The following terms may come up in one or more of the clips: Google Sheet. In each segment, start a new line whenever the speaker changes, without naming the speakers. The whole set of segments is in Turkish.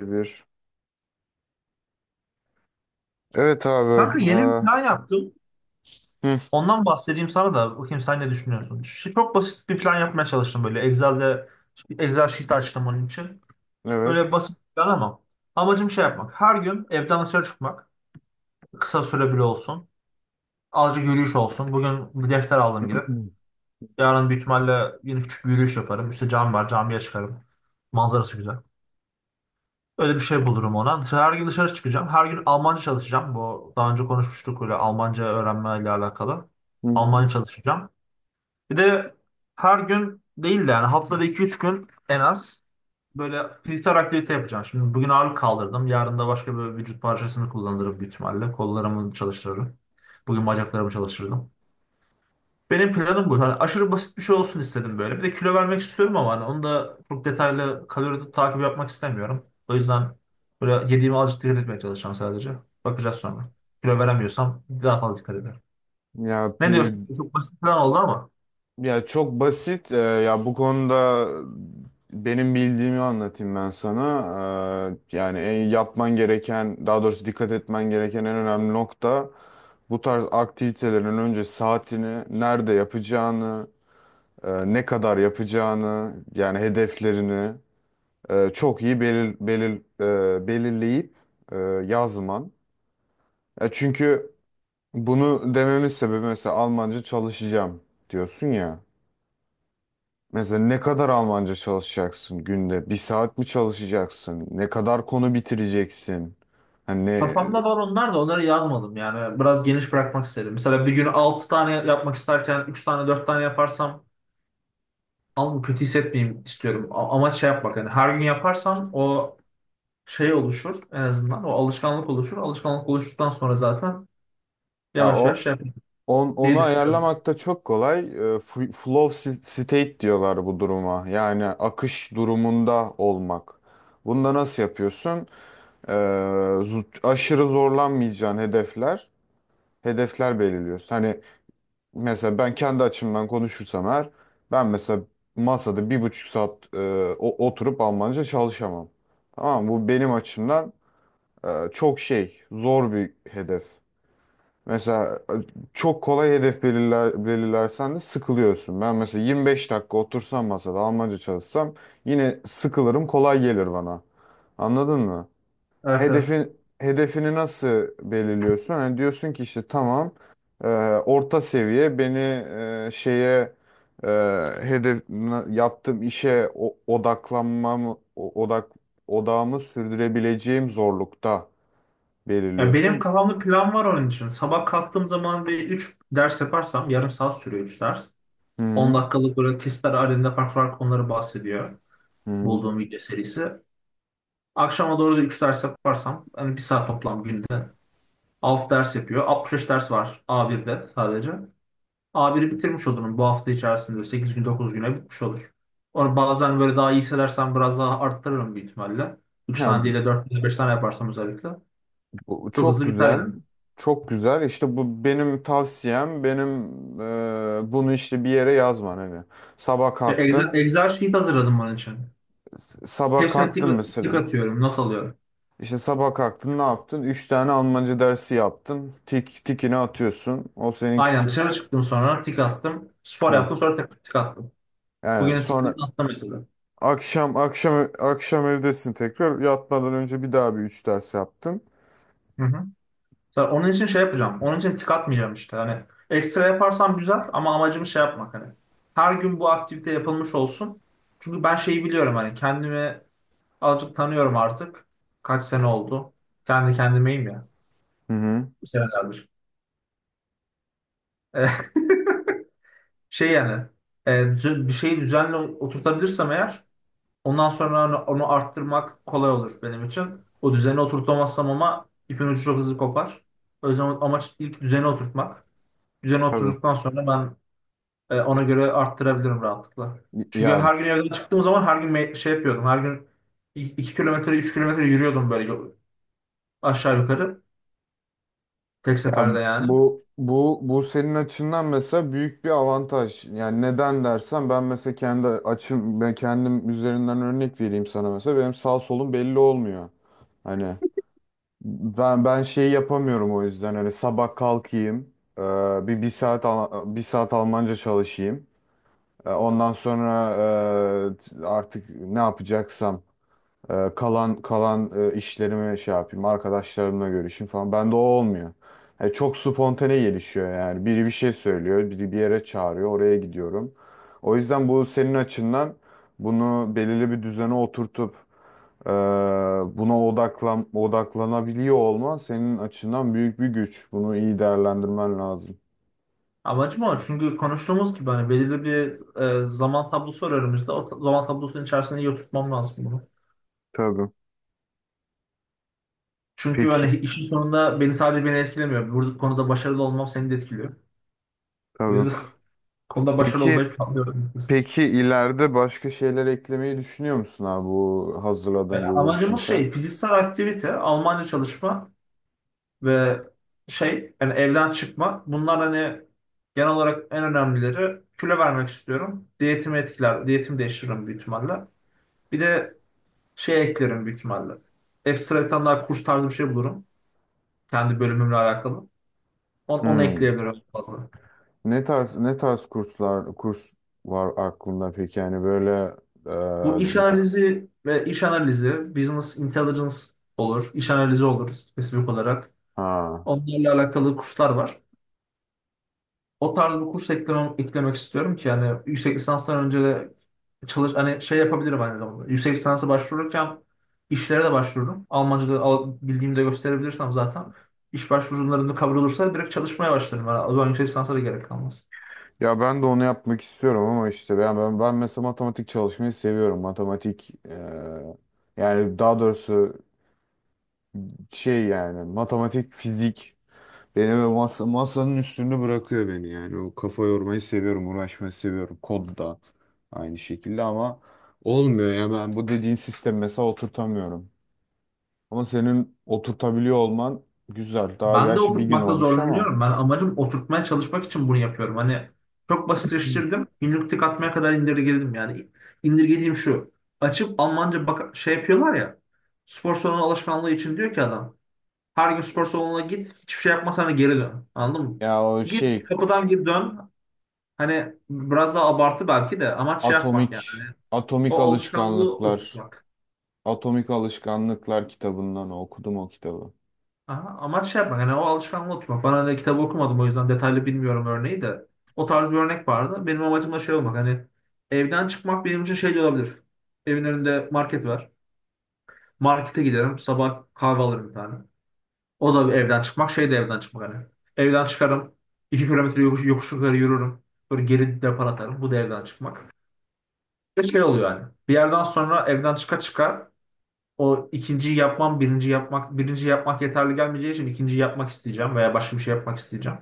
Bir. Evet abi.
Kanka yeni bir plan yaptım.
Hı,
Ondan bahsedeyim sana da bakayım sen ne düşünüyorsun. Çok basit bir plan yapmaya çalıştım böyle. Excel sheet açtım onun için. Böyle
evet.
basit bir plan ama amacım şey yapmak. Her gün evden dışarı çıkmak. Kısa süre bile olsun. Azıcık yürüyüş olsun. Bugün bir defter aldım gidip.
Hı
Yarın yine küçük bir yürüyüş yaparım. Üste çıkarım. Manzarası güzel. Öyle bir şey bulurum ona. Her gün dışarı çıkacağım. Her gün Almanca çalışacağım. Bu daha önce konuşmuştuk öyle Almanca öğrenmeyle alakalı.
hı.
Almanca çalışacağım. Bir de her gün değil de yani haftada iki üç gün en az böyle fiziksel aktivite yapacağım. Şimdi bugün ağırlık kaldırdım. Yarın da başka bir vücut parçasını kullanırım büyük ihtimalle. Kollarımı çalıştırırım. Bugün bacaklarımı çalıştırdım. Benim planım bu. Hani aşırı basit bir şey olsun istedim böyle. Bir de kilo vermek istiyorum ama hani onu da çok detaylı kalori takip yapmak istemiyorum. O yüzden böyle yediğime azıcık dikkat etmeye çalışacağım sadece. Bakacağız sonra. Kilo veremiyorsam daha fazla dikkat ederim.
Ya pi
Ne diyorsun? Çok basit plan oldu ama.
ya çok basit. Ya bu konuda benim bildiğimi anlatayım ben sana. Yani en yapman gereken, daha doğrusu dikkat etmen gereken en önemli nokta bu tarz aktivitelerin önce saatini, nerede yapacağını, ne kadar yapacağını, yani hedeflerini çok iyi belirleyip e, yazman. Ya çünkü bunu dememin sebebi mesela Almanca çalışacağım diyorsun ya. Mesela ne kadar Almanca çalışacaksın günde? Bir saat mi çalışacaksın? Ne kadar konu bitireceksin? Hani ne-
Kafamda var onlar da onları yazmadım yani. Biraz geniş bırakmak istedim. Mesela bir gün 6 tane yapmak isterken 3 tane 4 tane yaparsam alnımı kötü hissetmeyeyim istiyorum. Ama şey yapmak yani her gün yaparsam o şey oluşur en azından. O alışkanlık oluşur. Alışkanlık oluştuktan sonra zaten
ya
yavaş yavaş
o
şey yapayım
onu
diye düşünüyorum.
ayarlamak da çok kolay. Flow state diyorlar bu duruma. Yani akış durumunda olmak. Bunda nasıl yapıyorsun? Ee, Aşırı zorlanmayacağın hedefler belirliyorsun. Hani mesela ben kendi açımdan konuşursam eğer ben mesela masada bir buçuk saat oturup Almanca çalışamam. Tamam mı? Bu benim açımdan çok şey zor bir hedef. Mesela çok kolay hedef belirlersen de sıkılıyorsun. Ben mesela 25 dakika otursam masada Almanca çalışsam yine sıkılırım kolay gelir bana. Anladın mı?
Evet, evet.
Hedefini nasıl belirliyorsun? Hani diyorsun ki işte tamam, e, orta seviye beni e, şeye e, hedef na- yaptığım işe o- odaklanmam o- odak odağımı sürdürebileceğim zorlukta
Yani benim
belirliyorsun.
kafamda plan var onun için. Sabah kalktığım zaman bir 3 ders yaparsam yarım saat sürüyor 3 ders.
Hı
10
hı.
dakikalık böyle kesitler halinde farklı farklı konuları bahsediyor.
Hı hı.
Bulduğum video serisi. Akşama doğru da 3 ders yaparsam hani bir saat toplam günde 6 ders yapıyor. 65 ders var A1'de sadece. A1'i bitirmiş olurum bu hafta içerisinde 8 gün 9 güne bitmiş olur. Onu bazen böyle daha iyi hissedersem biraz daha arttırırım büyük ihtimalle. 3
Ya,
tane değil de 4 tane 5 tane yaparsam özellikle.
bu
Çok
çok
hızlı biter
güzel.
yani.
Çok güzel. İşte bu benim tavsiyem. Benim, bunu işte bir yere yazman hani. Sabah
Ve Excel,
kalktın.
Excel sheet hazırladım bunun için.
Sabah
Hepsine tik,
kalktın
tik
mesela.
atıyorum, not alıyorum.
İşte sabah kalktın ne yaptın? Üç tane Almanca dersi yaptın. Tikini atıyorsun. O senin
Aynen
küçük.
dışarı çıktım sonra tik attım. Spor
Ha.
yaptım sonra tekrar tik attım.
Yani
Bugün tikleri
sonra
attım mesela.
akşam evdesin tekrar. Yatmadan önce bir daha üç ders yaptın.
Hı hı. Ben onun için şey yapacağım. Onun için tik atmayacağım işte. Hani ekstra yaparsam güzel ama amacım şey yapmak hani. Her gün bu aktivite yapılmış olsun. Çünkü ben şeyi biliyorum hani kendimi azıcık tanıyorum artık. Kaç sene oldu. Kendi kendimeyim ya.
Hı hı.
Bu senelerdir. E, Şey yani bir şeyi düzenli oturtabilirsem eğer ondan sonra onu arttırmak kolay olur benim için. O düzeni oturtamazsam ama ipin ucu çok hızlı kopar. O yüzden amaç ilk düzeni oturtmak. Düzeni
Tabii.
oturduktan sonra ben ona göre arttırabilirim rahatlıkla. Çünkü
Ya
her gün evden çıktığım zaman her gün şey yapıyordum. Her gün 2 kilometre 3 kilometre yürüyordum böyle aşağı yukarı. Tek
ya
seferde yani.
bu bu bu senin açından mesela büyük bir avantaj. Yani neden dersen ben mesela kendi açım, ben kendim üzerinden örnek vereyim sana mesela. Benim sağ solum belli olmuyor. Hani ben şey yapamıyorum. O yüzden hani sabah kalkayım, bir saat bir saat Almanca çalışayım. E, ondan sonra, artık ne yapacaksam, kalan işlerimi şey yapayım, arkadaşlarımla görüşeyim falan, bende o olmuyor. E, çok spontane gelişiyor. Yani biri bir şey söylüyor, biri bir yere çağırıyor, oraya gidiyorum. O yüzden bu senin açından bunu belirli bir düzene oturtup, ee, buna odaklan odaklanabiliyor olman senin açından büyük bir güç. Bunu iyi değerlendirmen lazım.
Amacım o. Çünkü konuştuğumuz gibi hani belirli bir zaman tablosu var önümüzde. O zaman tablosunun içerisinde iyi oturtmam lazım bunu.
Tabii.
Çünkü
Peki,
hani işin sonunda beni sadece beni etkilemiyor. Burada konuda başarılı olmam seni de etkiliyor. O yüzden
tabii.
konuda başarılı olmayı
Peki,
planlıyorum.
peki, ileride başka şeyler eklemeyi düşünüyor musun abi bu hazırladığın
Yani
Google
amacımız
Sheet'e?
şey fiziksel aktivite, Almanca çalışma, ve şey yani evden çıkma. Bunlar hani genel olarak en önemlileri. Kilo vermek istiyorum. Diyetimi etkiler. Diyetimi değiştiririm büyük ihtimalle. Bir de şey eklerim büyük ihtimalle. Ekstra bir tane daha kurs tarzı bir şey bulurum. Kendi bölümümle alakalı. Onu
Hmm.
ekleyebilirim fazla.
Ne tarz kurslar var aklında peki, yani böyle, e,
Bu iş analizi ve iş analizi, business intelligence olur. iş analizi olur spesifik olarak.
ha,
Onlarla alakalı kurslar var. O tarz bir kurs eklemek istiyorum ki yani yüksek lisanstan önce de çalış hani şey yapabilirim aynı zamanda. Yüksek lisansa başvururken işlere de başvururum. Almanca'da bildiğimde gösterebilirsem zaten iş başvurularında kabul olursa direkt çalışmaya başlarım. Yani o zaman yüksek lisansa da gerek kalmaz.
ya ben de onu yapmak istiyorum ama işte ben mesela matematik çalışmayı seviyorum. Matematik, yani daha doğrusu şey, yani matematik, fizik beni masanın üstünde bırakıyor beni yani. O kafa yormayı seviyorum, uğraşmayı seviyorum. Kod da aynı şekilde ama olmuyor ya, ben bu dediğin sistem mesela oturtamıyorum. Ama senin oturtabiliyor olman güzel. Daha
Ben de
gerçi bir gün
oturtmakta
olmuş ama.
zorlanıyorum. Ben amacım oturtmaya çalışmak için bunu yapıyorum. Hani çok
Hmm.
basitleştirdim. Günlük tık atmaya kadar indirgedim yani. İndirgediğim şu. Açıp Almanca bak şey yapıyorlar ya. Spor salonu alışkanlığı için diyor ki adam. Her gün spor salonuna git. Hiçbir şey yapmasana geri dön. Anladın mı?
Ya o
Git
şey,
kapıdan gir dön. Hani biraz daha abartı belki de amaç şey yapmak yani. Hani
atomik atomik
o alışkanlığı
alışkanlıklar,
oturtmak.
atomik alışkanlıklar kitabından okudum o kitabı.
Aha, amaç şey yapmak. Yani o alışkanlığı oturtmak. Ben hani kitabı okumadım o yüzden detaylı bilmiyorum örneği de. O tarz bir örnek vardı. Benim amacım da şey olmak. Hani evden çıkmak benim için şey de olabilir. Evin önünde market var. Markete giderim. Sabah kahve alırım bir tane. O da evden çıkmak, şey de evden çıkmak hani. Evden çıkarım, 2 kilometre yokuş yukarı yürürüm. Böyle geri depar atarım. Bu da evden çıkmak. Ve şey oluyor yani. Bir yerden sonra evden çıka çıka o ikinciyi yapmam, birinci yapmak, birinci yapmak yeterli gelmeyeceği için ikinciyi yapmak isteyeceğim veya başka bir şey yapmak isteyeceğim.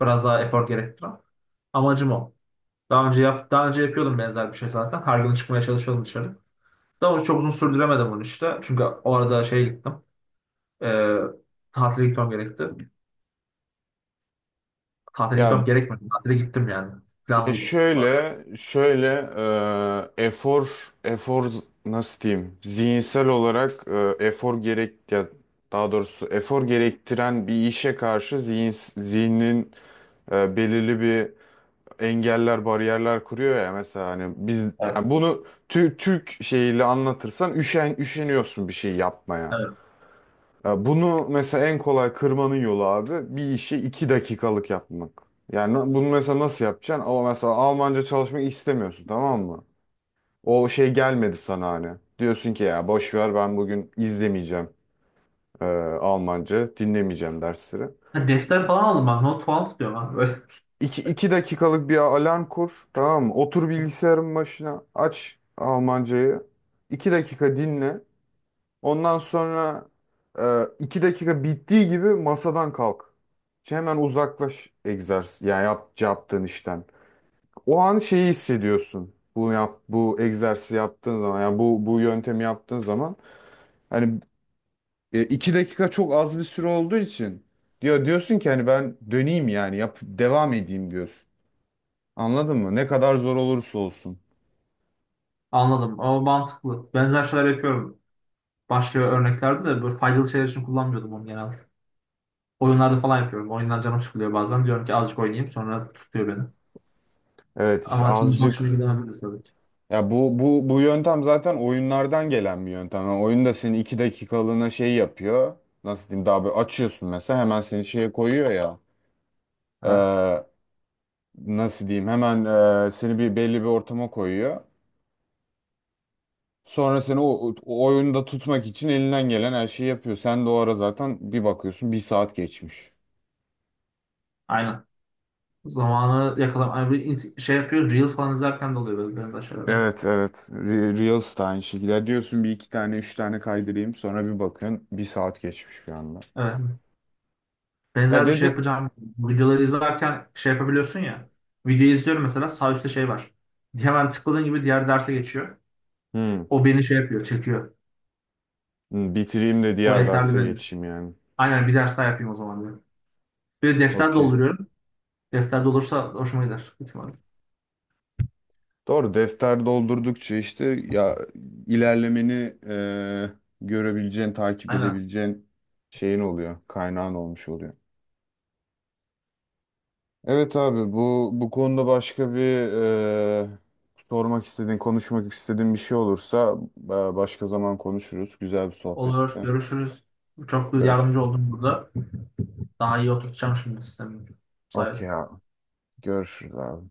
Biraz daha efor gerektiren. Amacım o. Daha önce yapıyordum benzer bir şey zaten. Her gün çıkmaya çalışıyordum dışarı. Daha önce çok uzun sürdüremedim onu işte. Çünkü o arada şeye gittim. Ee, Tatile gitmem gerekti. Tatile
Ya,
gitmem gerekmedi. Tatile gittim yani.
ya
Planlıydım.
şöyle, şöyle, e, efor, efor nasıl diyeyim? Zihinsel olarak e, efor gerek ya daha doğrusu efor gerektiren bir işe karşı zihnin belirli bir bariyerler kuruyor ya. Mesela hani biz,
Evet.
yani bunu Türk şeyiyle anlatırsan üşeniyorsun bir şey yapmaya.
Evet.
Ya bunu mesela en kolay kırmanın yolu abi bir işi iki dakikalık yapmak. Bunu mesela nasıl yapacaksın? Ama mesela Almanca çalışmak istemiyorsun, tamam mı? O şey gelmedi sana hani. Diyorsun ki ya boş ver, ben bugün izlemeyeceğim, e, Almanca, dinlemeyeceğim dersleri.
Ha, defter falan aldım bak. Not falan tutuyorum ben böyle.
İki dakikalık bir alarm kur, tamam mı? Otur bilgisayarın başına, aç Almancayı. İki dakika dinle. Ondan sonra, iki dakika bittiği gibi masadan kalk. Şey, hemen uzaklaş, egzersiz ya yap, yaptığın işten. O an şeyi hissediyorsun. Bu egzersizi yaptığın zaman, yani bu yöntemi yaptığın zaman hani iki dakika çok az bir süre olduğu için diyorsun ki hani ben döneyim, yani yap devam edeyim diyorsun. Anladın mı? Ne kadar zor olursa olsun.
Anladım ama mantıklı. Benzer şeyler yapıyorum. Başka örneklerde de böyle faydalı şeyler için kullanmıyordum onu genelde. Oyunlarda falan yapıyorum. Oyundan canım sıkılıyor bazen. Diyorum ki azıcık oynayayım sonra tutuyor beni.
Evet, işte
Ama çalışmak için
azıcık.
ilgilenebiliriz tabii ki.
Ya bu yöntem zaten oyunlardan gelen bir yöntem. Yani oyun da seni iki dakikalığına şey yapıyor. Nasıl diyeyim? Daha böyle açıyorsun mesela, hemen seni şeye koyuyor ya.
Evet.
Ee, Nasıl diyeyim, hemen seni belli bir ortama koyuyor. Sonra seni o oyunda tutmak için elinden gelen her şeyi yapıyor. Sen de o ara zaten bir bakıyorsun, bir saat geçmiş.
Aynen. Zamanı yakalam. Yani bir şey yapıyor. Reels falan izlerken de oluyor böyle benzer şeyler.
Evet evet. Reels de aynı şekilde. Ya diyorsun bir iki tane üç tane kaydırayım, sonra bir bakıyorsun bir saat geçmiş bir anda.
Evet.
Ya
Benzer bir şey
dedi...
yapacağım. Videoları izlerken şey yapabiliyorsun ya. Videoyu izliyorum mesela sağ üstte şey var. Hemen tıkladığın gibi diğer derse geçiyor.
Hmm.
O beni şey yapıyor, çekiyor.
Hı, bitireyim de
O
diğer
yeterli
derse
benim.
geçeyim yani.
Aynen bir ders daha yapayım o zaman diyorum. Bir de defter
Okey.
dolduruyorum. Defter dolursa hoşuma gider. Büyük ihtimalle.
Doğru, defter doldurdukça işte ya ilerlemeni, e, görebileceğin, takip
Aynen.
edebileceğin şeyin oluyor. Kaynağın olmuş oluyor. Evet abi, bu bu konuda başka bir, e, sormak istediğin, konuşmak istediğin bir şey olursa, başka zaman konuşuruz. Güzel bir
Olur.
sohbette.
Görüşürüz. Çok
Görüş.
yardımcı oldum burada. Daha iyi oturtacağım şimdi sistemi.
Okey
Sayın.
abi. Görüşürüz abi.